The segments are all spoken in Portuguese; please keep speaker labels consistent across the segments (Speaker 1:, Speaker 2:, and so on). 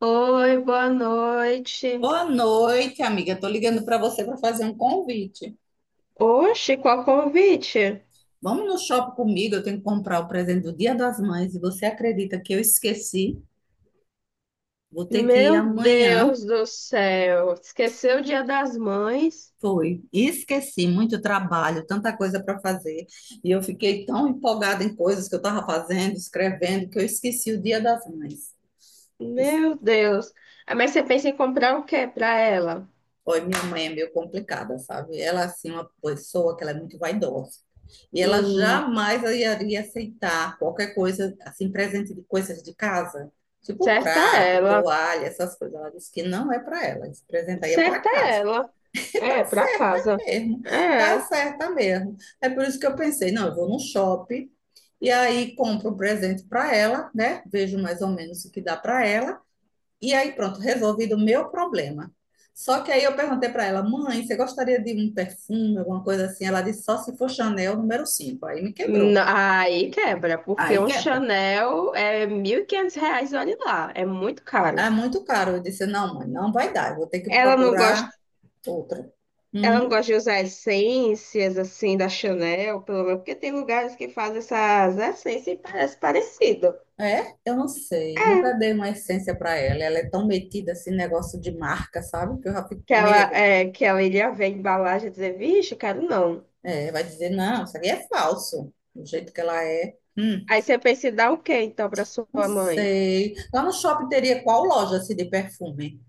Speaker 1: Oi, boa noite.
Speaker 2: Boa noite, amiga. Tô ligando para você para fazer um convite.
Speaker 1: Oxe, qual convite?
Speaker 2: Vamos no shopping comigo, eu tenho que comprar o presente do Dia das Mães e você acredita que eu esqueci? Vou ter que ir
Speaker 1: Meu
Speaker 2: amanhã.
Speaker 1: Deus do céu, esqueceu o Dia das Mães?
Speaker 2: Foi. Esqueci, muito trabalho, tanta coisa para fazer. E eu fiquei tão empolgada em coisas que eu estava fazendo, escrevendo, que eu esqueci o Dia das Mães.
Speaker 1: Meu Deus. Ah, mas você pensa em comprar o quê para ela?
Speaker 2: Olha, minha mãe é meio complicada, sabe? Ela, é, assim, uma pessoa que ela é muito vaidosa. E ela
Speaker 1: Hum,
Speaker 2: jamais iria aceitar qualquer coisa, assim, presente de coisas de casa, tipo
Speaker 1: certa
Speaker 2: prato,
Speaker 1: ela,
Speaker 2: toalha, essas coisas. Ela disse que não é para ela, esse presente aí é para
Speaker 1: certa
Speaker 2: casa.
Speaker 1: ela.
Speaker 2: Que
Speaker 1: É,
Speaker 2: tá
Speaker 1: para
Speaker 2: certo
Speaker 1: casa.
Speaker 2: mesmo, tá
Speaker 1: É.
Speaker 2: certa mesmo. É por isso que eu pensei, não, eu vou no shopping e aí compro um presente para ela, né? Vejo mais ou menos o que dá para ela. E aí, pronto, resolvido o meu problema. Só que aí eu perguntei para ela, mãe, você gostaria de um perfume, alguma coisa assim? Ela disse, só se for Chanel nº 5. Aí me quebrou.
Speaker 1: Aí quebra, porque
Speaker 2: Aí
Speaker 1: um
Speaker 2: quebra.
Speaker 1: Chanel é R$ 1.500, olha lá, é muito caro.
Speaker 2: É muito caro. Eu disse, não, mãe, não vai dar. Eu vou ter que
Speaker 1: Ela não
Speaker 2: procurar
Speaker 1: gosta
Speaker 2: outra.
Speaker 1: Ela não
Speaker 2: Hum,
Speaker 1: gosta de usar essências assim da Chanel, pelo menos, porque tem lugares que fazem essas essências e parece parecido.
Speaker 2: é? Eu não sei.
Speaker 1: É,
Speaker 2: Nunca dei uma essência para ela. Ela é tão metida assim, negócio de marca, sabe? Que eu já fico
Speaker 1: que
Speaker 2: com
Speaker 1: ela,
Speaker 2: medo.
Speaker 1: é, que ela iria ver a embalagem e dizer, vixe, quero não.
Speaker 2: É, vai dizer, não, isso aqui é falso. Do jeito que ela é.
Speaker 1: Aí você pensa em dar o quê então para sua
Speaker 2: Não
Speaker 1: mãe?
Speaker 2: sei. Lá no shopping teria qual loja assim, de perfume?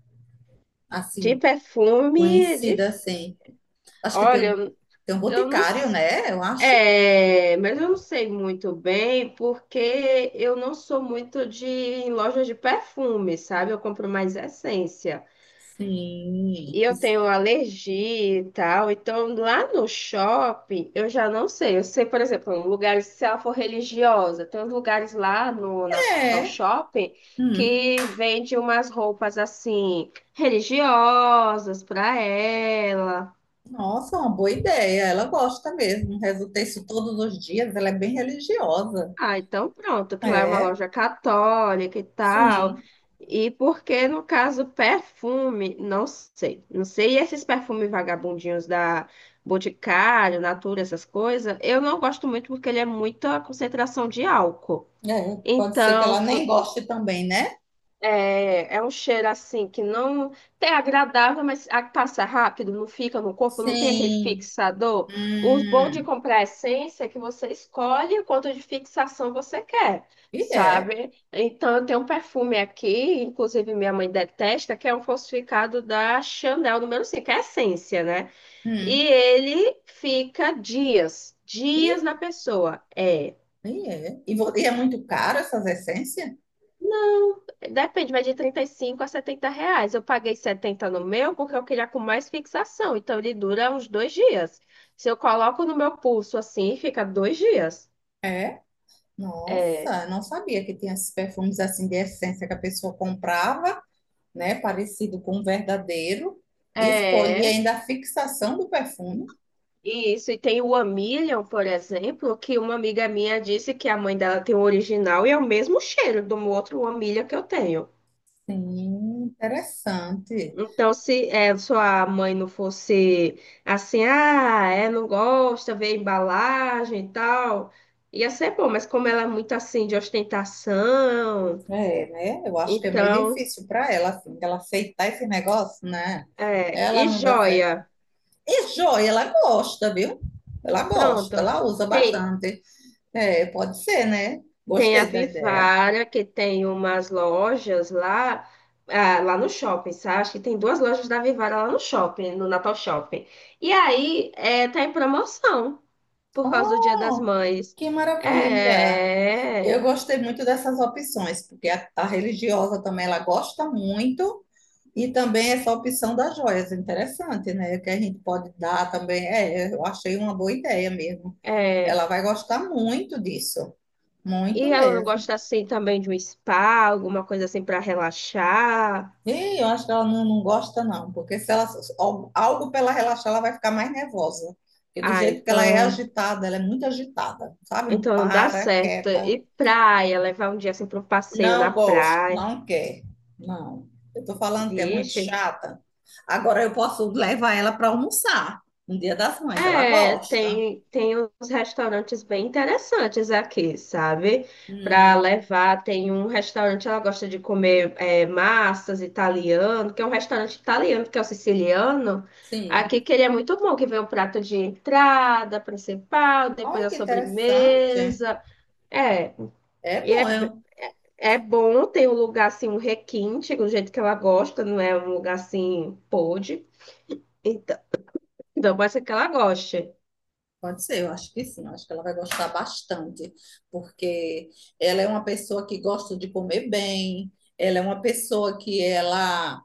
Speaker 1: De
Speaker 2: Assim,
Speaker 1: perfume, de.
Speaker 2: conhecida, assim. Acho que
Speaker 1: Olha, eu,
Speaker 2: tem um
Speaker 1: eu não
Speaker 2: boticário,
Speaker 1: sei.
Speaker 2: né? Eu acho.
Speaker 1: É, mas eu não sei muito bem, porque eu não sou muito de em lojas de perfume, sabe? Eu compro mais essência.
Speaker 2: Sim.
Speaker 1: E eu
Speaker 2: Isso
Speaker 1: tenho alergia e tal. Então, lá no shopping, eu já não sei. Eu sei, por exemplo, lugares, se ela for religiosa, tem uns lugares lá no Natal
Speaker 2: é.
Speaker 1: Shopping
Speaker 2: Hum.
Speaker 1: que vende umas roupas assim, religiosas para ela.
Speaker 2: Nossa, uma boa ideia. Ela gosta mesmo. Resulta isso todos os dias. Ela é bem religiosa.
Speaker 1: Ah, então pronto, que lá é uma
Speaker 2: É,
Speaker 1: loja católica e tal.
Speaker 2: sim.
Speaker 1: E porque, no caso, perfume, não sei. Não sei, e esses perfumes vagabundinhos da Boticário, Natura, essas coisas, eu não gosto muito porque ele é muita concentração de álcool.
Speaker 2: É, pode ser que ela
Speaker 1: Então,
Speaker 2: nem goste também, né?
Speaker 1: é um cheiro assim que não é agradável, mas passa rápido, não fica no corpo, não tem aquele
Speaker 2: Sim.
Speaker 1: fixador. O bom de
Speaker 2: Hum.
Speaker 1: comprar essência é que você escolhe quanto de fixação você quer,
Speaker 2: E é.
Speaker 1: sabe? Então, eu tenho um perfume aqui, inclusive minha mãe detesta, que é um falsificado da Chanel número 5, é essência, né? E
Speaker 2: Hum.
Speaker 1: ele fica dias, dias
Speaker 2: E,
Speaker 1: na pessoa. É.
Speaker 2: é. E, e é muito caro essas essências?
Speaker 1: Não, depende, mas de R$ 35 a R$ 70. Eu paguei 70 no meu porque eu queria com mais fixação, então ele dura uns 2 dias. Se eu coloco no meu pulso assim, fica 2 dias.
Speaker 2: É.
Speaker 1: É.
Speaker 2: Nossa, não sabia que tinha esses perfumes assim de essência que a pessoa comprava, né? Parecido com o verdadeiro. E escolhia
Speaker 1: É.
Speaker 2: ainda a fixação do perfume.
Speaker 1: Isso, e tem o Amilion, por exemplo, que uma amiga minha disse que a mãe dela tem o original e é o mesmo cheiro do outro Amilion que eu tenho.
Speaker 2: Sim, interessante.
Speaker 1: Então, se sua mãe não fosse assim, ah, é, não gosta, vê a embalagem e tal, ia ser bom, mas como ela é muito assim de ostentação,
Speaker 2: É, né? Eu acho que é meio
Speaker 1: então,
Speaker 2: difícil para ela, assim, ela aceitar esse negócio, né? Ela
Speaker 1: e
Speaker 2: não dá certo.
Speaker 1: joia,
Speaker 2: E joia, ela gosta, viu? Ela gosta,
Speaker 1: pronto.
Speaker 2: ela usa
Speaker 1: Tem,
Speaker 2: bastante. É, pode ser, né?
Speaker 1: tem a
Speaker 2: Gostei da ideia.
Speaker 1: Vivara, que tem umas lojas lá, lá no shopping, sabe? Acho que tem duas lojas da Vivara lá no shopping, no Natal Shopping. E aí, tá em promoção. Por causa do Dia das
Speaker 2: Oh,
Speaker 1: Mães.
Speaker 2: que maravilha!
Speaker 1: É,
Speaker 2: Eu
Speaker 1: é.
Speaker 2: gostei muito dessas opções, porque a religiosa também ela gosta muito, e também essa opção das joias, interessante, né? Que a gente pode dar também. É, eu achei uma boa ideia mesmo.
Speaker 1: É.
Speaker 2: Ela vai gostar muito disso, muito
Speaker 1: E ela não
Speaker 2: mesmo.
Speaker 1: gosta assim também de um spa, alguma coisa assim para relaxar.
Speaker 2: E eu acho que ela não, não gosta, não, porque se ela algo para ela relaxar, ela vai ficar mais nervosa. Porque do
Speaker 1: Ah,
Speaker 2: jeito que ela é
Speaker 1: então,
Speaker 2: agitada, ela é muito agitada, sabe? Não
Speaker 1: então não dá
Speaker 2: para,
Speaker 1: certo.
Speaker 2: quieta.
Speaker 1: E praia, levar um dia assim para um passeio na
Speaker 2: Não gosto,
Speaker 1: praia.
Speaker 2: não quer. Não. Eu estou falando que é muito
Speaker 1: Vixe,
Speaker 2: chata. Agora eu posso levar ela para almoçar no Dia das Mães, ela gosta.
Speaker 1: Tem uns restaurantes bem interessantes aqui, sabe? Para
Speaker 2: Hum,
Speaker 1: levar, tem um restaurante, ela gosta de comer massas italiano, que é um restaurante italiano, que é o siciliano.
Speaker 2: sim.
Speaker 1: Aqui que ele é muito bom, que vem o prato de entrada principal, depois
Speaker 2: Olha
Speaker 1: a
Speaker 2: que interessante.
Speaker 1: sobremesa. É,
Speaker 2: É
Speaker 1: e
Speaker 2: bom,
Speaker 1: é bom, tem um lugar assim, um requinte, do jeito que ela gosta, não é um lugar assim, podre. Então, então pode ser que ela goste.
Speaker 2: pode ser, eu acho que sim, eu acho que ela vai gostar bastante, porque ela é uma pessoa que gosta de comer bem, ela é uma pessoa que ela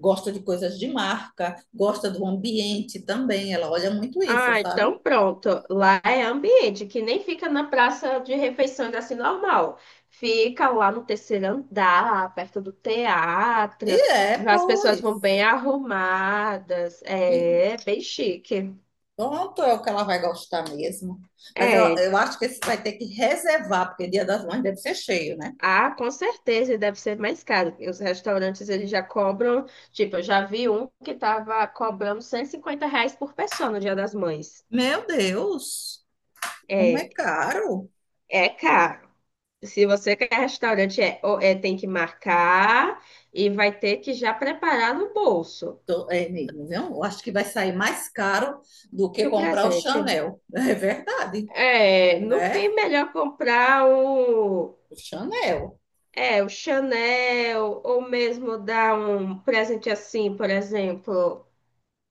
Speaker 2: gosta de coisas de marca, gosta do ambiente também, ela olha muito isso,
Speaker 1: Ah,
Speaker 2: sabe?
Speaker 1: então pronto. Lá é ambiente, que nem fica na praça de refeições assim normal. Fica lá no terceiro andar, perto do
Speaker 2: E
Speaker 1: teatro.
Speaker 2: é,
Speaker 1: As pessoas
Speaker 2: pois.
Speaker 1: vão bem arrumadas.
Speaker 2: E
Speaker 1: É bem chique.
Speaker 2: pronto, é o que ela vai gostar mesmo. Mas eu,
Speaker 1: É.
Speaker 2: eu acho que esse vai ter que reservar, porque Dia das Mães deve ser cheio, né?
Speaker 1: Ah, com certeza e deve ser mais caro. Os restaurantes eles já cobram, tipo, eu já vi um que tava cobrando R$ 150 por pessoa no Dia das Mães.
Speaker 2: Meu Deus! Como é
Speaker 1: É,
Speaker 2: caro.
Speaker 1: é caro. Se você quer restaurante, tem que marcar e vai ter que já preparar no bolso.
Speaker 2: É mesmo, viu? Eu acho que vai sair mais caro do que
Speaker 1: Que o
Speaker 2: comprar o
Speaker 1: presente.
Speaker 2: Chanel. É verdade,
Speaker 1: É, no fim,
Speaker 2: né?
Speaker 1: melhor comprar o,
Speaker 2: O Chanel.
Speaker 1: é, o Chanel, ou mesmo dar um presente assim, por exemplo.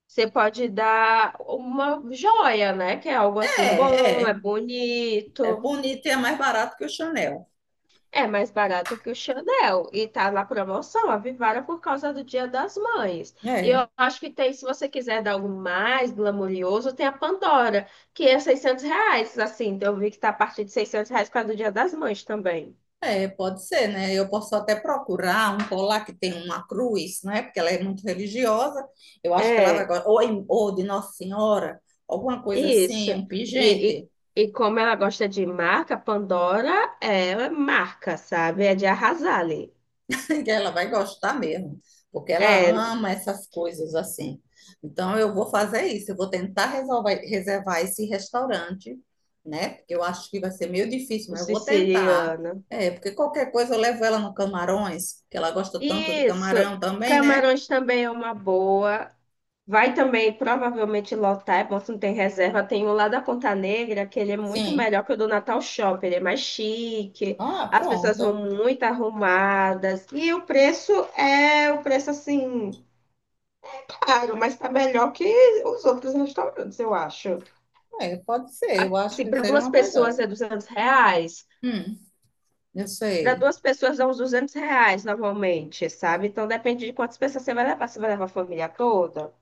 Speaker 1: Você pode dar uma joia, né? Que é algo assim bom,
Speaker 2: É,
Speaker 1: é
Speaker 2: é. É
Speaker 1: bonito.
Speaker 2: bonito e é mais barato que o Chanel.
Speaker 1: É mais barato que o Chanel e tá na promoção, avivaram por causa do Dia das Mães. E eu
Speaker 2: É.
Speaker 1: acho que tem, se você quiser dar algo mais glamouroso, tem a Pandora, que é R$ 600, assim, então, eu vi que tá a partir de R$ 600 por causa do Dia das Mães também.
Speaker 2: É, pode ser, né? Eu posso até procurar um colar que tem uma cruz, né? Porque ela é muito religiosa. Eu acho que ela vai
Speaker 1: É,
Speaker 2: gostar. Ou, ou de Nossa Senhora, alguma coisa
Speaker 1: isso.
Speaker 2: assim, um
Speaker 1: E,
Speaker 2: pingente,
Speaker 1: e como ela gosta de marca, Pandora é marca, sabe? É de arrasar ali.
Speaker 2: que ela vai gostar mesmo, porque ela
Speaker 1: É,
Speaker 2: ama essas coisas assim. Então, eu vou fazer isso. Eu vou tentar resolver, reservar esse restaurante, né? Porque eu acho que vai ser meio difícil,
Speaker 1: o
Speaker 2: mas eu vou tentar.
Speaker 1: siciliano.
Speaker 2: É, porque qualquer coisa eu levo ela no Camarões, que ela gosta tanto do
Speaker 1: Isso.
Speaker 2: camarão também, né?
Speaker 1: Camarões também é uma boa. Vai também provavelmente lotar, é bom se não tem reserva. Tem o lá da Ponta Negra, que ele é muito
Speaker 2: Sim.
Speaker 1: melhor que o do Natal Shopping, ele é mais chique,
Speaker 2: Ah,
Speaker 1: as pessoas vão
Speaker 2: pronto.
Speaker 1: muito arrumadas. E o preço assim, caro, mas tá melhor que os outros restaurantes, eu acho.
Speaker 2: É, pode ser. Eu acho
Speaker 1: Assim,
Speaker 2: que
Speaker 1: para
Speaker 2: seria
Speaker 1: duas
Speaker 2: uma boa
Speaker 1: pessoas
Speaker 2: ideia.
Speaker 1: é R$ 200,
Speaker 2: Hum, eu
Speaker 1: para
Speaker 2: sei.
Speaker 1: duas pessoas dá uns R$ 200 normalmente, sabe? Então depende de quantas pessoas você vai levar a família toda.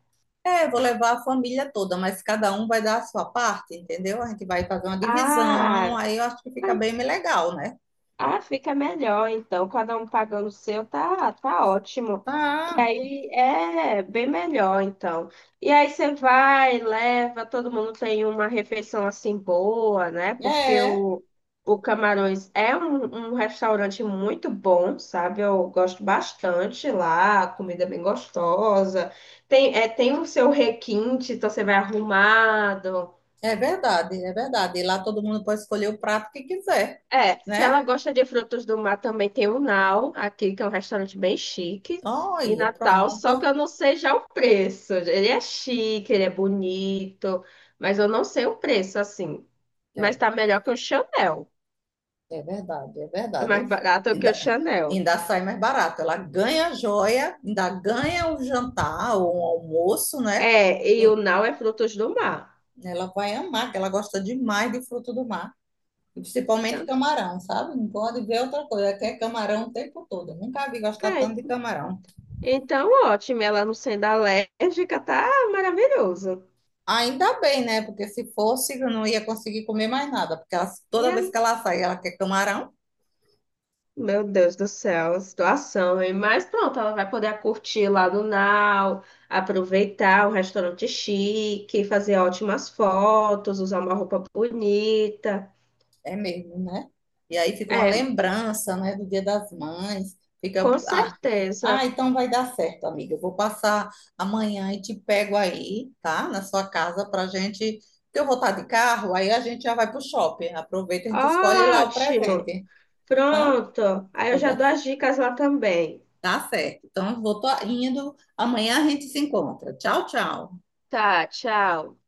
Speaker 2: É, vou levar a família toda, mas cada um vai dar a sua parte, entendeu? A gente vai fazer uma divisão,
Speaker 1: Ah.
Speaker 2: aí eu acho que fica bem legal, né?
Speaker 1: Ah, fica melhor, então, cada um pagando o seu, tá, tá ótimo. Que
Speaker 2: Ah,
Speaker 1: aí é bem melhor, então. E aí você vai, leva, todo mundo tem uma refeição assim boa, né? Porque
Speaker 2: é.
Speaker 1: o Camarões é um restaurante muito bom, sabe? Eu gosto bastante lá, comida é bem gostosa. Tem o seu requinte, então você vai arrumado.
Speaker 2: É verdade, é verdade. E lá todo mundo pode escolher o prato que quiser,
Speaker 1: É, se ela
Speaker 2: né?
Speaker 1: gosta de frutos do mar, também tem o Nau, aqui, que é um restaurante bem chique, em
Speaker 2: Olha,
Speaker 1: Natal, só que eu
Speaker 2: pronto.
Speaker 1: não sei já o preço. Ele é chique, ele é bonito, mas eu não sei o preço, assim. Mas
Speaker 2: É,
Speaker 1: tá melhor que o Chanel.
Speaker 2: é verdade, é
Speaker 1: É
Speaker 2: verdade.
Speaker 1: mais barato que o
Speaker 2: Ainda,
Speaker 1: Chanel.
Speaker 2: ainda sai mais barato. Ela ganha a joia, ainda ganha o jantar ou o almoço, né?
Speaker 1: É, e o Nau é frutos do mar.
Speaker 2: Ela vai amar, que ela gosta demais de fruto do mar. E principalmente
Speaker 1: Então,
Speaker 2: camarão, sabe? Não pode ver outra coisa. Ela quer camarão o tempo todo. Nunca vi gostar tanto de
Speaker 1: é,
Speaker 2: camarão.
Speaker 1: então, ótimo. Ela não sendo alérgica, tá maravilhoso.
Speaker 2: Ainda bem, né? Porque se fosse, eu não ia conseguir comer mais nada. Porque
Speaker 1: E
Speaker 2: toda vez que ela sai, ela quer camarão.
Speaker 1: meu Deus do céu, situação, hein? Mas pronto, ela vai poder curtir lá no Nau, aproveitar um restaurante chique, fazer ótimas fotos, usar uma roupa bonita.
Speaker 2: É mesmo, né? E aí fica uma
Speaker 1: É,
Speaker 2: lembrança, né, do Dia das Mães.
Speaker 1: com
Speaker 2: Fica, ah, ah,
Speaker 1: certeza.
Speaker 2: então vai dar certo, amiga. Eu vou passar amanhã e te pego aí, tá? Na sua casa pra gente, que eu vou estar de carro, aí a gente já vai pro shopping. Aproveita, a gente escolhe lá o
Speaker 1: Ótimo.
Speaker 2: presente, tá?
Speaker 1: Pronto. Aí eu
Speaker 2: Pois
Speaker 1: já
Speaker 2: dá,
Speaker 1: dou as dicas lá também.
Speaker 2: tá certo. Então, eu vou tô indo. Amanhã a gente se encontra. Tchau, tchau.
Speaker 1: Tá, tchau.